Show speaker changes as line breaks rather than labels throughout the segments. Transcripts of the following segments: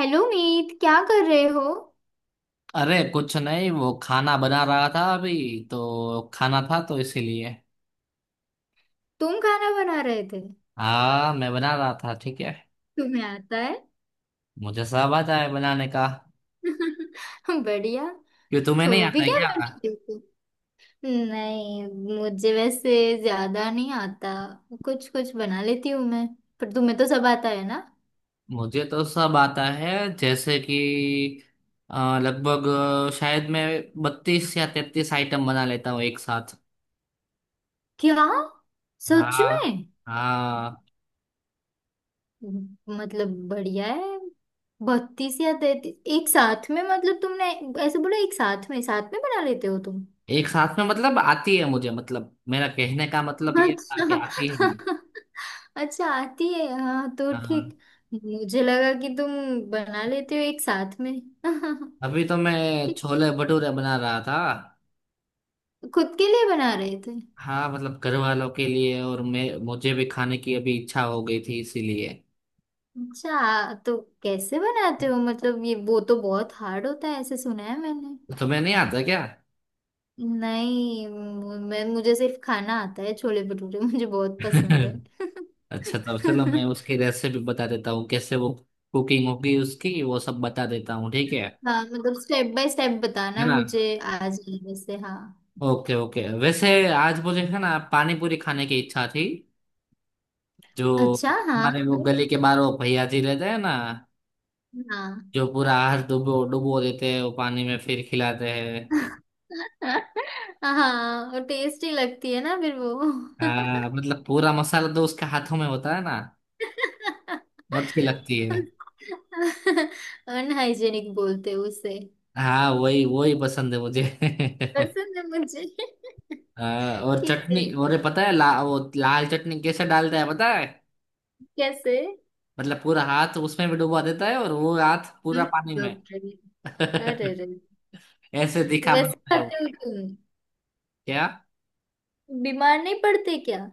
Hello Meet, क्या कर रहे हो।
अरे कुछ नहीं, वो खाना बना रहा था अभी, तो खाना था तो इसीलिए।
तुम खाना बना रहे थे?
हाँ मैं बना रहा था, ठीक है।
तुम्हें आता है?
मुझे सब आता है बनाने का।
बढ़िया।
क्यों, तुम्हें
तो
नहीं आता
अभी
है
क्या
क्या?
बनाते हो तुम? नहीं, मुझे वैसे ज्यादा नहीं आता। कुछ कुछ बना लेती हूँ मैं। पर तुम्हें तो सब आता है ना।
मुझे तो सब आता है। जैसे कि लगभग शायद मैं बत्तीस या तैतीस आइटम बना लेता हूँ एक साथ।
क्या, सच
हाँ।
में?
हाँ।
मतलब बढ़िया है। बत्तीस या तैतीस एक साथ में, मतलब तुमने ऐसे बोला एक साथ में, साथ में बना लेते हो तुम?
एक साथ में मतलब आती है मुझे, मतलब मेरा कहने का मतलब ये था कि आती है।
अच्छा अच्छा, आती है, हाँ तो
हाँ।
ठीक। मुझे लगा कि तुम बना लेते हो एक साथ में
अभी तो मैं
ठीक।
छोले भटूरे बना रहा था।
खुद के लिए बना रहे थे?
हाँ मतलब घर वालों के लिए, और मैं मुझे भी खाने की अभी इच्छा हो गई थी इसीलिए।
अच्छा, तो कैसे बनाते हो? मतलब ये वो तो बहुत हार्ड होता है ऐसे, सुना है मैंने।
तुम्हें नहीं आता क्या?
नहीं, मैं, मुझे सिर्फ खाना आता है। छोले भटूरे मुझे बहुत पसंद है।
अच्छा, तो चलो मैं उसकी रेसिपी बता देता हूँ कैसे वो कुकिंग होगी उसकी, वो सब बता देता हूँ ठीक है।
हाँ मतलब स्टेप बाय स्टेप
है
बताना,
ना।
मुझे आ जाए वैसे। हाँ।
ओके ओके, वैसे आज मुझे है ना पानी पूरी खाने की इच्छा थी। जो
अच्छा, हाँ।
हमारे वो
तो-
गली के बाहर वो भैया जी रहते हैं ना।
हाँ।
जो पूरा आहार डुबो डुबो देते हैं वो पानी में, फिर खिलाते हैं।
हाँ, और टेस्टी लगती है ना फिर वो।
हाँ मतलब पूरा मसाला तो उसके हाथों में होता है ना। अच्छी लगती है।
अनहाइजेनिक बोलते हैं उसे।
हाँ वही वही पसंद है मुझे।
पसंद है मुझे
हाँ, और
ठीक है।
चटनी, और ये पता है वो लाल चटनी कैसे डालता है पता है।
कैसे?
मतलब पूरा हाथ उसमें भी डुबा देता है, और वो हाथ पूरा
हम्म,
पानी में,
डॉक्टर। अरे अरे।
ऐसे दिखा
वैसे
बनता है
खाते
वो।
हो तुम?
क्या?
बीमार नहीं पड़ते क्या?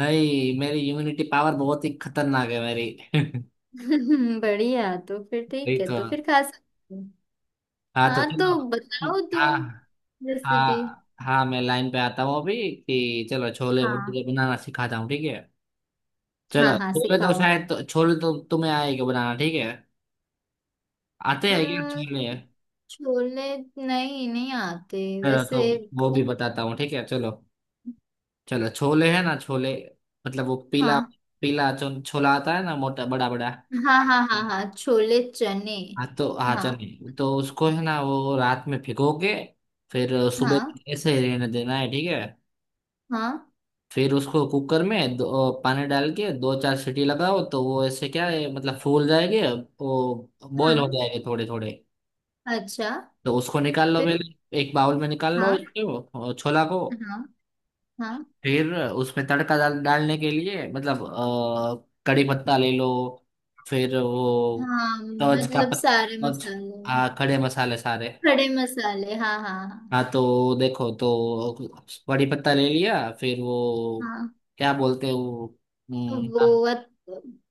नहीं, मेरी इम्यूनिटी पावर बहुत ही खतरनाक है मेरी।
बढ़िया, तो फिर ठीक
नहीं
है,
तो।
तो फिर खा सकते हो।
हाँ तो
हाँ, तो
चलो।
बताओ तुम
हाँ,
रेसिपी।
हाँ, हाँ, मैं लाइन पे आता हूँ अभी कि चलो छोले
हाँ
भटूरे बनाना सिखाता हूँ ठीक है।
हाँ,
चलो,
हाँ
छोले तो
सिखाओ।
शायद छोले तो तुम्हें आएगा बनाना, ठीक है। आते हैं क्या छोले?
अम्म, छोले नहीं, नहीं आते
चलो,
वैसे।
तो वो भी बताता हूँ ठीक है। चलो, चलो छोले है ना छोले। मतलब वो पीला
हाँ
पीला जो छोला आता है ना, मोटा बड़ा बड़ा।
हाँ हाँ हाँ, हाँ छोले चने।
हाँ, तो हाँ
हाँ
चलिए, तो उसको है ना वो रात में भिगो के फिर
हाँ
सुबह ऐसे ही रहने देना है ठीक है।
हाँ
फिर उसको कुकर में दो पानी डाल के दो चार सीटी लगाओ तो वो ऐसे क्या है मतलब फूल जाएंगे, वो बॉईल
हाँ।
हो जाएंगे थोड़े थोड़े।
अच्छा,
तो उसको निकाल लो
फिर।
पहले, एक बाउल में निकाल लो
हाँ
उसको और छोला को।
हाँ हाँ।
फिर उसमें तड़का डालने के लिए मतलब कड़ी पत्ता ले लो। फिर वो
हाँ मतलब सारे
तवज।
मसाले।
हाँ खड़े मसाले सारे।
खड़े मसाले, हाँ हाँ हाँ।
हाँ तो देखो तो। कड़ी पत्ता ले लिया, फिर वो
हाँ।
क्या बोलते हैं वो,
वो
हम्म,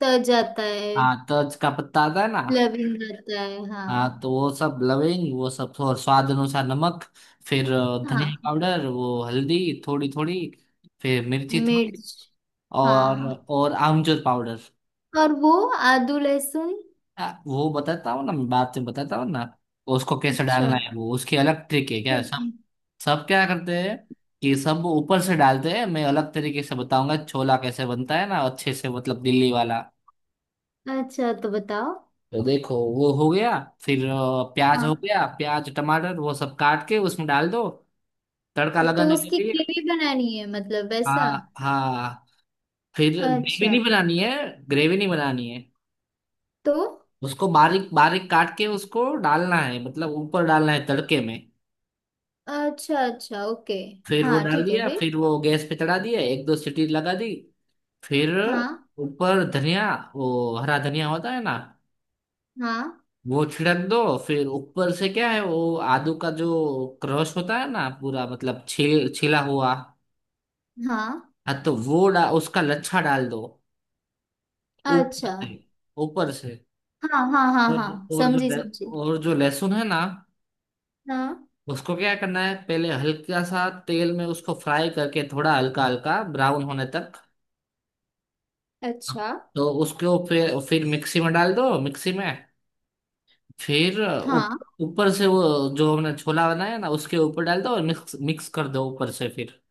त जाता है।
हाँ तवज का पत्ता आता है ना।
लविंग जाता है
हाँ
हाँ।
तो वो सब लविंग वो सब, और स्वाद अनुसार नमक, फिर धनिया
हाँ।
पाउडर वो हल्दी, थोड़ी थोड़ी, फिर मिर्ची थोड़ी,
मिर्च।
और
हाँ,
आमचूर पाउडर।
और वो आदू लहसुन।
वो बताता हूँ ना, मैं बात में बताता हूँ ना, उसको कैसे
अच्छा।
डालना है, वो उसकी अलग ट्रिक है क्या
ठीक।
सब। सब क्या करते हैं कि सब ऊपर से डालते हैं, मैं अलग तरीके से बताऊंगा छोला कैसे बनता है ना अच्छे से, मतलब दिल्ली वाला।
अच्छा, तो बताओ।
तो देखो वो हो गया। फिर प्याज
हाँ,
हो गया, प्याज टमाटर वो सब काट के उसमें डाल दो, तड़का
तो
लगाने के
उसकी
लिए।
ग्रेवी बनानी है मतलब वैसा?
हाँ हाँ। फिर ग्रेवी
अच्छा।
नहीं बनानी है, ग्रेवी नहीं बनानी है।
तो?
उसको बारीक बारीक काट के उसको डालना है, मतलब ऊपर डालना है तड़के में।
अच्छा अच्छा, ओके।
फिर वो
हाँ
डाल
ठीक है,
दिया,
फिर?
फिर वो गैस पे चढ़ा दिया, एक दो सीटी लगा दी। फिर
हाँ
ऊपर धनिया, वो हरा धनिया होता है ना,
हाँ
वो छिड़क दो। फिर ऊपर से क्या है वो आदू का जो क्रश होता है ना पूरा, मतलब छिल छिला हुआ।
हाँ।
हाँ तो वो उसका लच्छा डाल दो ऊपर
अच्छा।
से, ऊपर से।
हाँ हाँ हाँ
और
हाँ,
और जो
समझी
ले-
समझी।
और जो लहसुन है ना,
हाँ।
उसको क्या करना है पहले हल्का सा तेल में उसको फ्राई करके, थोड़ा हल्का हल्का ब्राउन होने तक।
अच्छा।
तो उसको फिर मिक्सी में डाल दो, मिक्सी में। फिर ऊ-
हाँ।
ऊपर से वो जो हमने छोला बनाया ना उसके ऊपर डाल दो और मिक्स मिक्स कर दो ऊपर से फिर।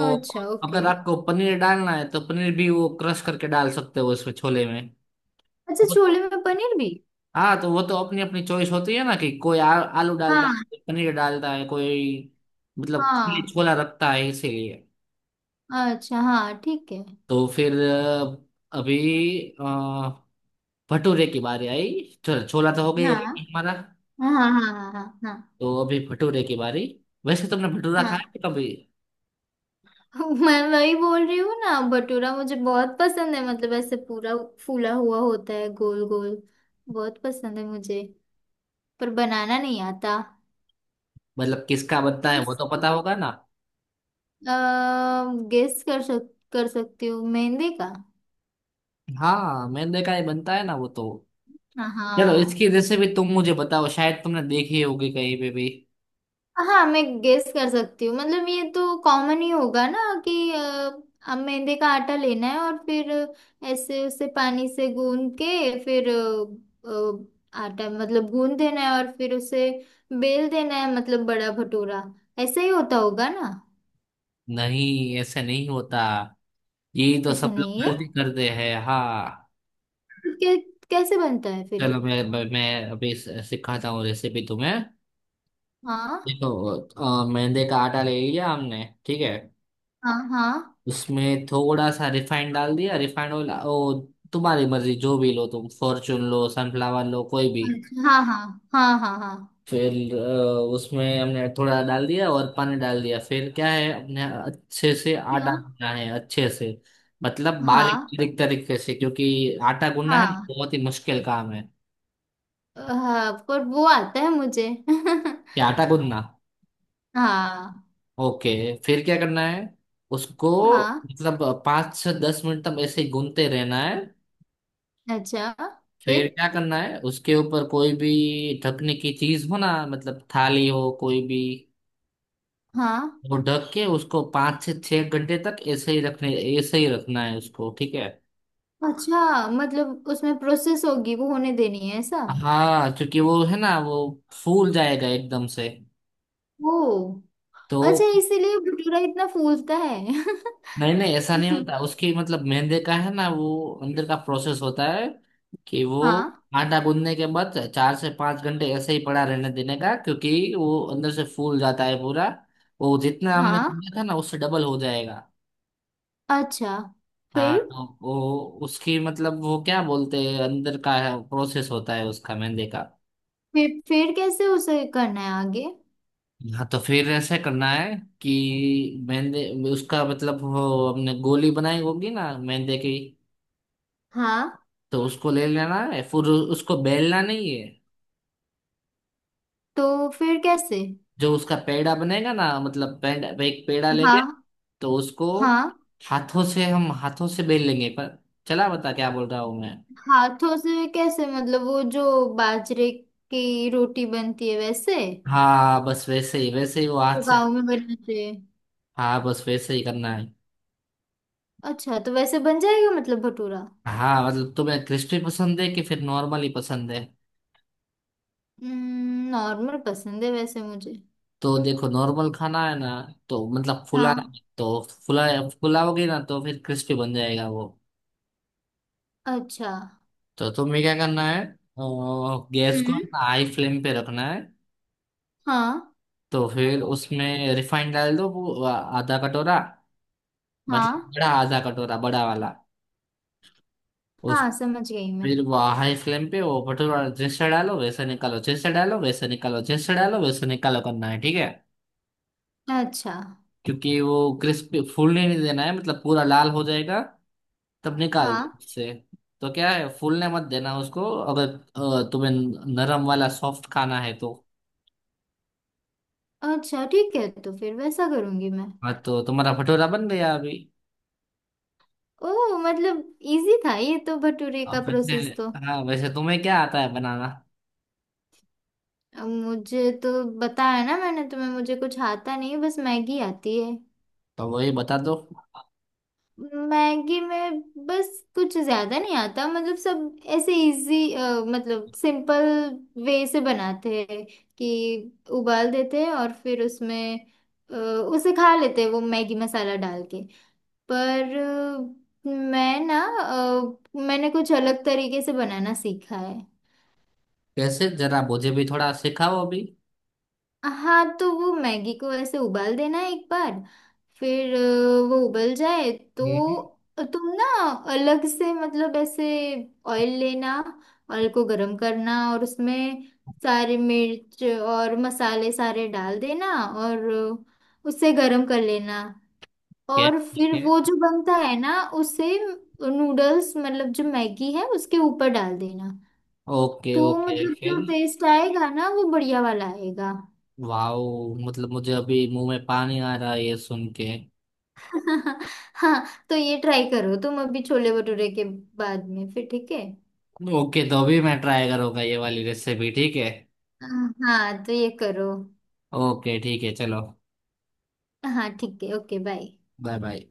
और
अच्छा, ओके।
अगर आपको पनीर डालना है तो पनीर भी वो क्रश करके डाल सकते हो उसमें, छोले में।
अच्छा,
वो तो,
छोले में पनीर भी?
हाँ तो वो तो अपनी अपनी चॉइस होती है ना कि कोई आलू डालता है,
हाँ।
कोई पनीर डालता है, कोई मतलब खाली
हाँ,
छोला रखता है इसीलिए।
अच्छा हाँ ठीक है।
तो फिर अभी अ, भटूरे की बारी आई। चलो छोला तो हो गया ये
हाँ
हमारा।
हाँ हाँ हाँ हाँ। हाँ।
तो अभी भटूरे की बारी। वैसे तुमने भटूरा खाया
हाँ
है कभी?
मैं वही बोल रही हूँ ना, भटूरा मुझे बहुत पसंद है, मतलब ऐसे पूरा फूला हुआ होता है, गोल गोल। बहुत पसंद है मुझे। पर बनाना नहीं आता।
मतलब किसका बनता है
किस?
वो तो पता होगा ना।
गेस कर सक कर सकती हूँ, मेहंदी का।
हाँ मैंने देखा है बनता है ना वो तो। चलो इसकी
हाँ।
रेसिपी तुम मुझे बताओ, शायद तुमने देखी होगी कहीं पे भी।
हाँ मैं गेस कर सकती हूँ, मतलब ये तो कॉमन ही होगा ना कि अब मैदे का आटा लेना है और फिर ऐसे उसे पानी से गूंद के, फिर आटा मतलब गूंद देना है, और फिर उसे बेल देना है मतलब, बड़ा भटूरा। ऐसा ही होता होगा ना?
नहीं ऐसे नहीं होता, ये तो
ऐसा
सब
नहीं
लोग
है?
गलती करते हैं हाँ।
कै, कैसे बनता है फिर?
चलो मैं अभी सिखाता हूँ रेसिपी तुम्हें।
हाँ
देखो मैदे का आटा ले लिया हमने, ठीक है।
हाँ हाँ।
उसमें थोड़ा सा रिफाइंड डाल दिया, रिफाइंड ऑयल ओ, तुम्हारी मर्जी जो भी लो तुम, फॉर्चून लो, सनफ्लावर लो, कोई भी।
अच्छा, हाँ हाँ हाँ हाँ हाँ।
फिर उसमें हमने थोड़ा डाल दिया और पानी डाल दिया, फिर क्या है अपने अच्छे से
क्या?
आटा गूंदना है अच्छे से, मतलब बारीक
हाँ
बारीक तरीके से, क्योंकि आटा गूंदना है ना,
हाँ
बहुत ही मुश्किल काम है
हाँ, पर वो आता है मुझे
कि आटा गूंदना।
हाँ।
ओके। फिर क्या करना है उसको,
हाँ।
मतलब पाँच से दस मिनट तक ऐसे ही गूंदते रहना है।
अच्छा। फिर?
फिर क्या करना है, उसके ऊपर कोई भी ढकने की चीज हो ना, मतलब थाली हो कोई भी,
हाँ।
वो ढक के उसको पाँच से छह घंटे तक ऐसे ही रखने ऐसे ही रखना है उसको, ठीक है।
अच्छा, मतलब उसमें प्रोसेस होगी, वो होने देनी है ऐसा?
हाँ क्योंकि वो है ना वो फूल जाएगा एकदम से,
ओ।
तो।
अच्छा, इसीलिए भटूरा इतना फूलता है।
नहीं नहीं ऐसा नहीं होता उसकी, मतलब मेहंदी का है ना वो, अंदर का प्रोसेस होता है कि वो
हाँ।
आटा गूंदने के बाद चार से पांच घंटे ऐसे ही पड़ा रहने देने का, क्योंकि वो अंदर से फूल जाता है पूरा, वो जितना हमने
हाँ।
गूंदा था ना उससे डबल हो जाएगा।
अच्छा। फिर
हाँ तो वो उसकी मतलब वो क्या बोलते हैं, अंदर का प्रोसेस होता है उसका मेहंदी का।
फिर कैसे उसे करना है आगे?
हाँ तो फिर ऐसे करना है कि मेहंदी उसका मतलब वो हमने गोली बनाई होगी ना मेहंदी की,
हाँ,
तो उसको ले लेना है फिर उसको बेलना नहीं है।
तो फिर कैसे?
जो उसका पेड़ा बनेगा ना, मतलब पेड़ा, एक पेड़ा लेंगे,
हाँ।
तो उसको
हाँ,
हाथों से बेल लेंगे, पर चला बता क्या बोल रहा हूँ मैं।
हाथों से कैसे? मतलब वो जो बाजरे की रोटी बनती है वैसे?
हाँ बस वैसे ही वो हाथ
वो
से।
गाँव में बनाते हैं।
हाँ बस वैसे ही करना है।
अच्छा, तो वैसे बन जाएगा मतलब भटूरा?
हाँ मतलब तुम्हें क्रिस्पी पसंद है कि फिर नॉर्मल ही पसंद है।
नॉर्मल पसंद है वैसे मुझे।
तो देखो नॉर्मल खाना है ना, तो मतलब फुलाना,
हाँ।
तो फुला फुलाओगे ना तो फिर क्रिस्पी बन जाएगा वो।
अच्छा।
तो तुम्हें क्या करना है गैस को
हम्म।
हाई फ्लेम पे रखना है।
हाँ
तो फिर उसमें रिफाइंड डाल दो वो आधा कटोरा, मतलब
हाँ,
बड़ा आधा कटोरा, बड़ा वाला। उस
हाँ समझ गई मैं।
फिर वो हाई फ्लेम पे वो भटूरा जैसे डालो वैसे निकालो, जैसे डालो वैसे निकालो, जैसे डालो वैसे निकालो करना है, ठीक है।
अच्छा।
क्योंकि वो क्रिस्पी फूलने नहीं देना है, मतलब पूरा लाल हो जाएगा तब निकाल दो
हाँ।
उससे। तो क्या है, फूलने मत देना उसको अगर तुम्हें नरम वाला सॉफ्ट खाना है तो।
अच्छा ठीक है, तो फिर वैसा करूंगी मैं।
हाँ तो तुम्हारा भटूरा बन गया अभी।
ओ मतलब इजी था ये तो, भटूरे का
अब
प्रोसेस तो।
वैसे हाँ, वैसे तुम्हें क्या आता है बनाना,
अब मुझे तो बताया ना मैंने तुम्हें, मुझे कुछ आता नहीं, बस मैगी आती है।
तो वही बता दो,
मैगी में बस, कुछ ज्यादा नहीं आता। मतलब सब ऐसे इजी मतलब सिंपल वे से बनाते हैं कि उबाल देते हैं, और फिर उसमें उसे खा लेते हैं वो मैगी मसाला डाल के। पर मैं ना, मैंने कुछ अलग तरीके से बनाना सीखा है।
कैसे जरा मुझे भी थोड़ा सिखाओ अभी।
हाँ, तो वो मैगी को ऐसे उबाल देना है एक बार। फिर वो उबल जाए
ठीक
तो तुम ना अलग से मतलब ऐसे ऑयल लेना, ऑयल को गरम करना, और उसमें सारे मिर्च और मसाले सारे डाल देना, और उसे गरम कर लेना।
है।
और
ठीक
फिर
है।
वो जो बनता है ना उसे, नूडल्स मतलब जो मैगी है उसके ऊपर डाल देना।
ओके
तो
ओके
मतलब
फिर।
जो टेस्ट आएगा ना, वो बढ़िया वाला आएगा।
वाओ मतलब मुझे अभी मुंह में पानी आ रहा है ये सुन के।
हाँ। हाँ, तो ये ट्राई करो तुम, अभी छोले भटूरे के बाद में, फिर ठीक है।
ओके तो अभी मैं ट्राई करूंगा ये वाली रेसिपी, ठीक है।
हाँ हाँ, तो ये करो।
ओके ठीक है चलो।
हाँ ठीक है, ओके बाय।
Bye bye.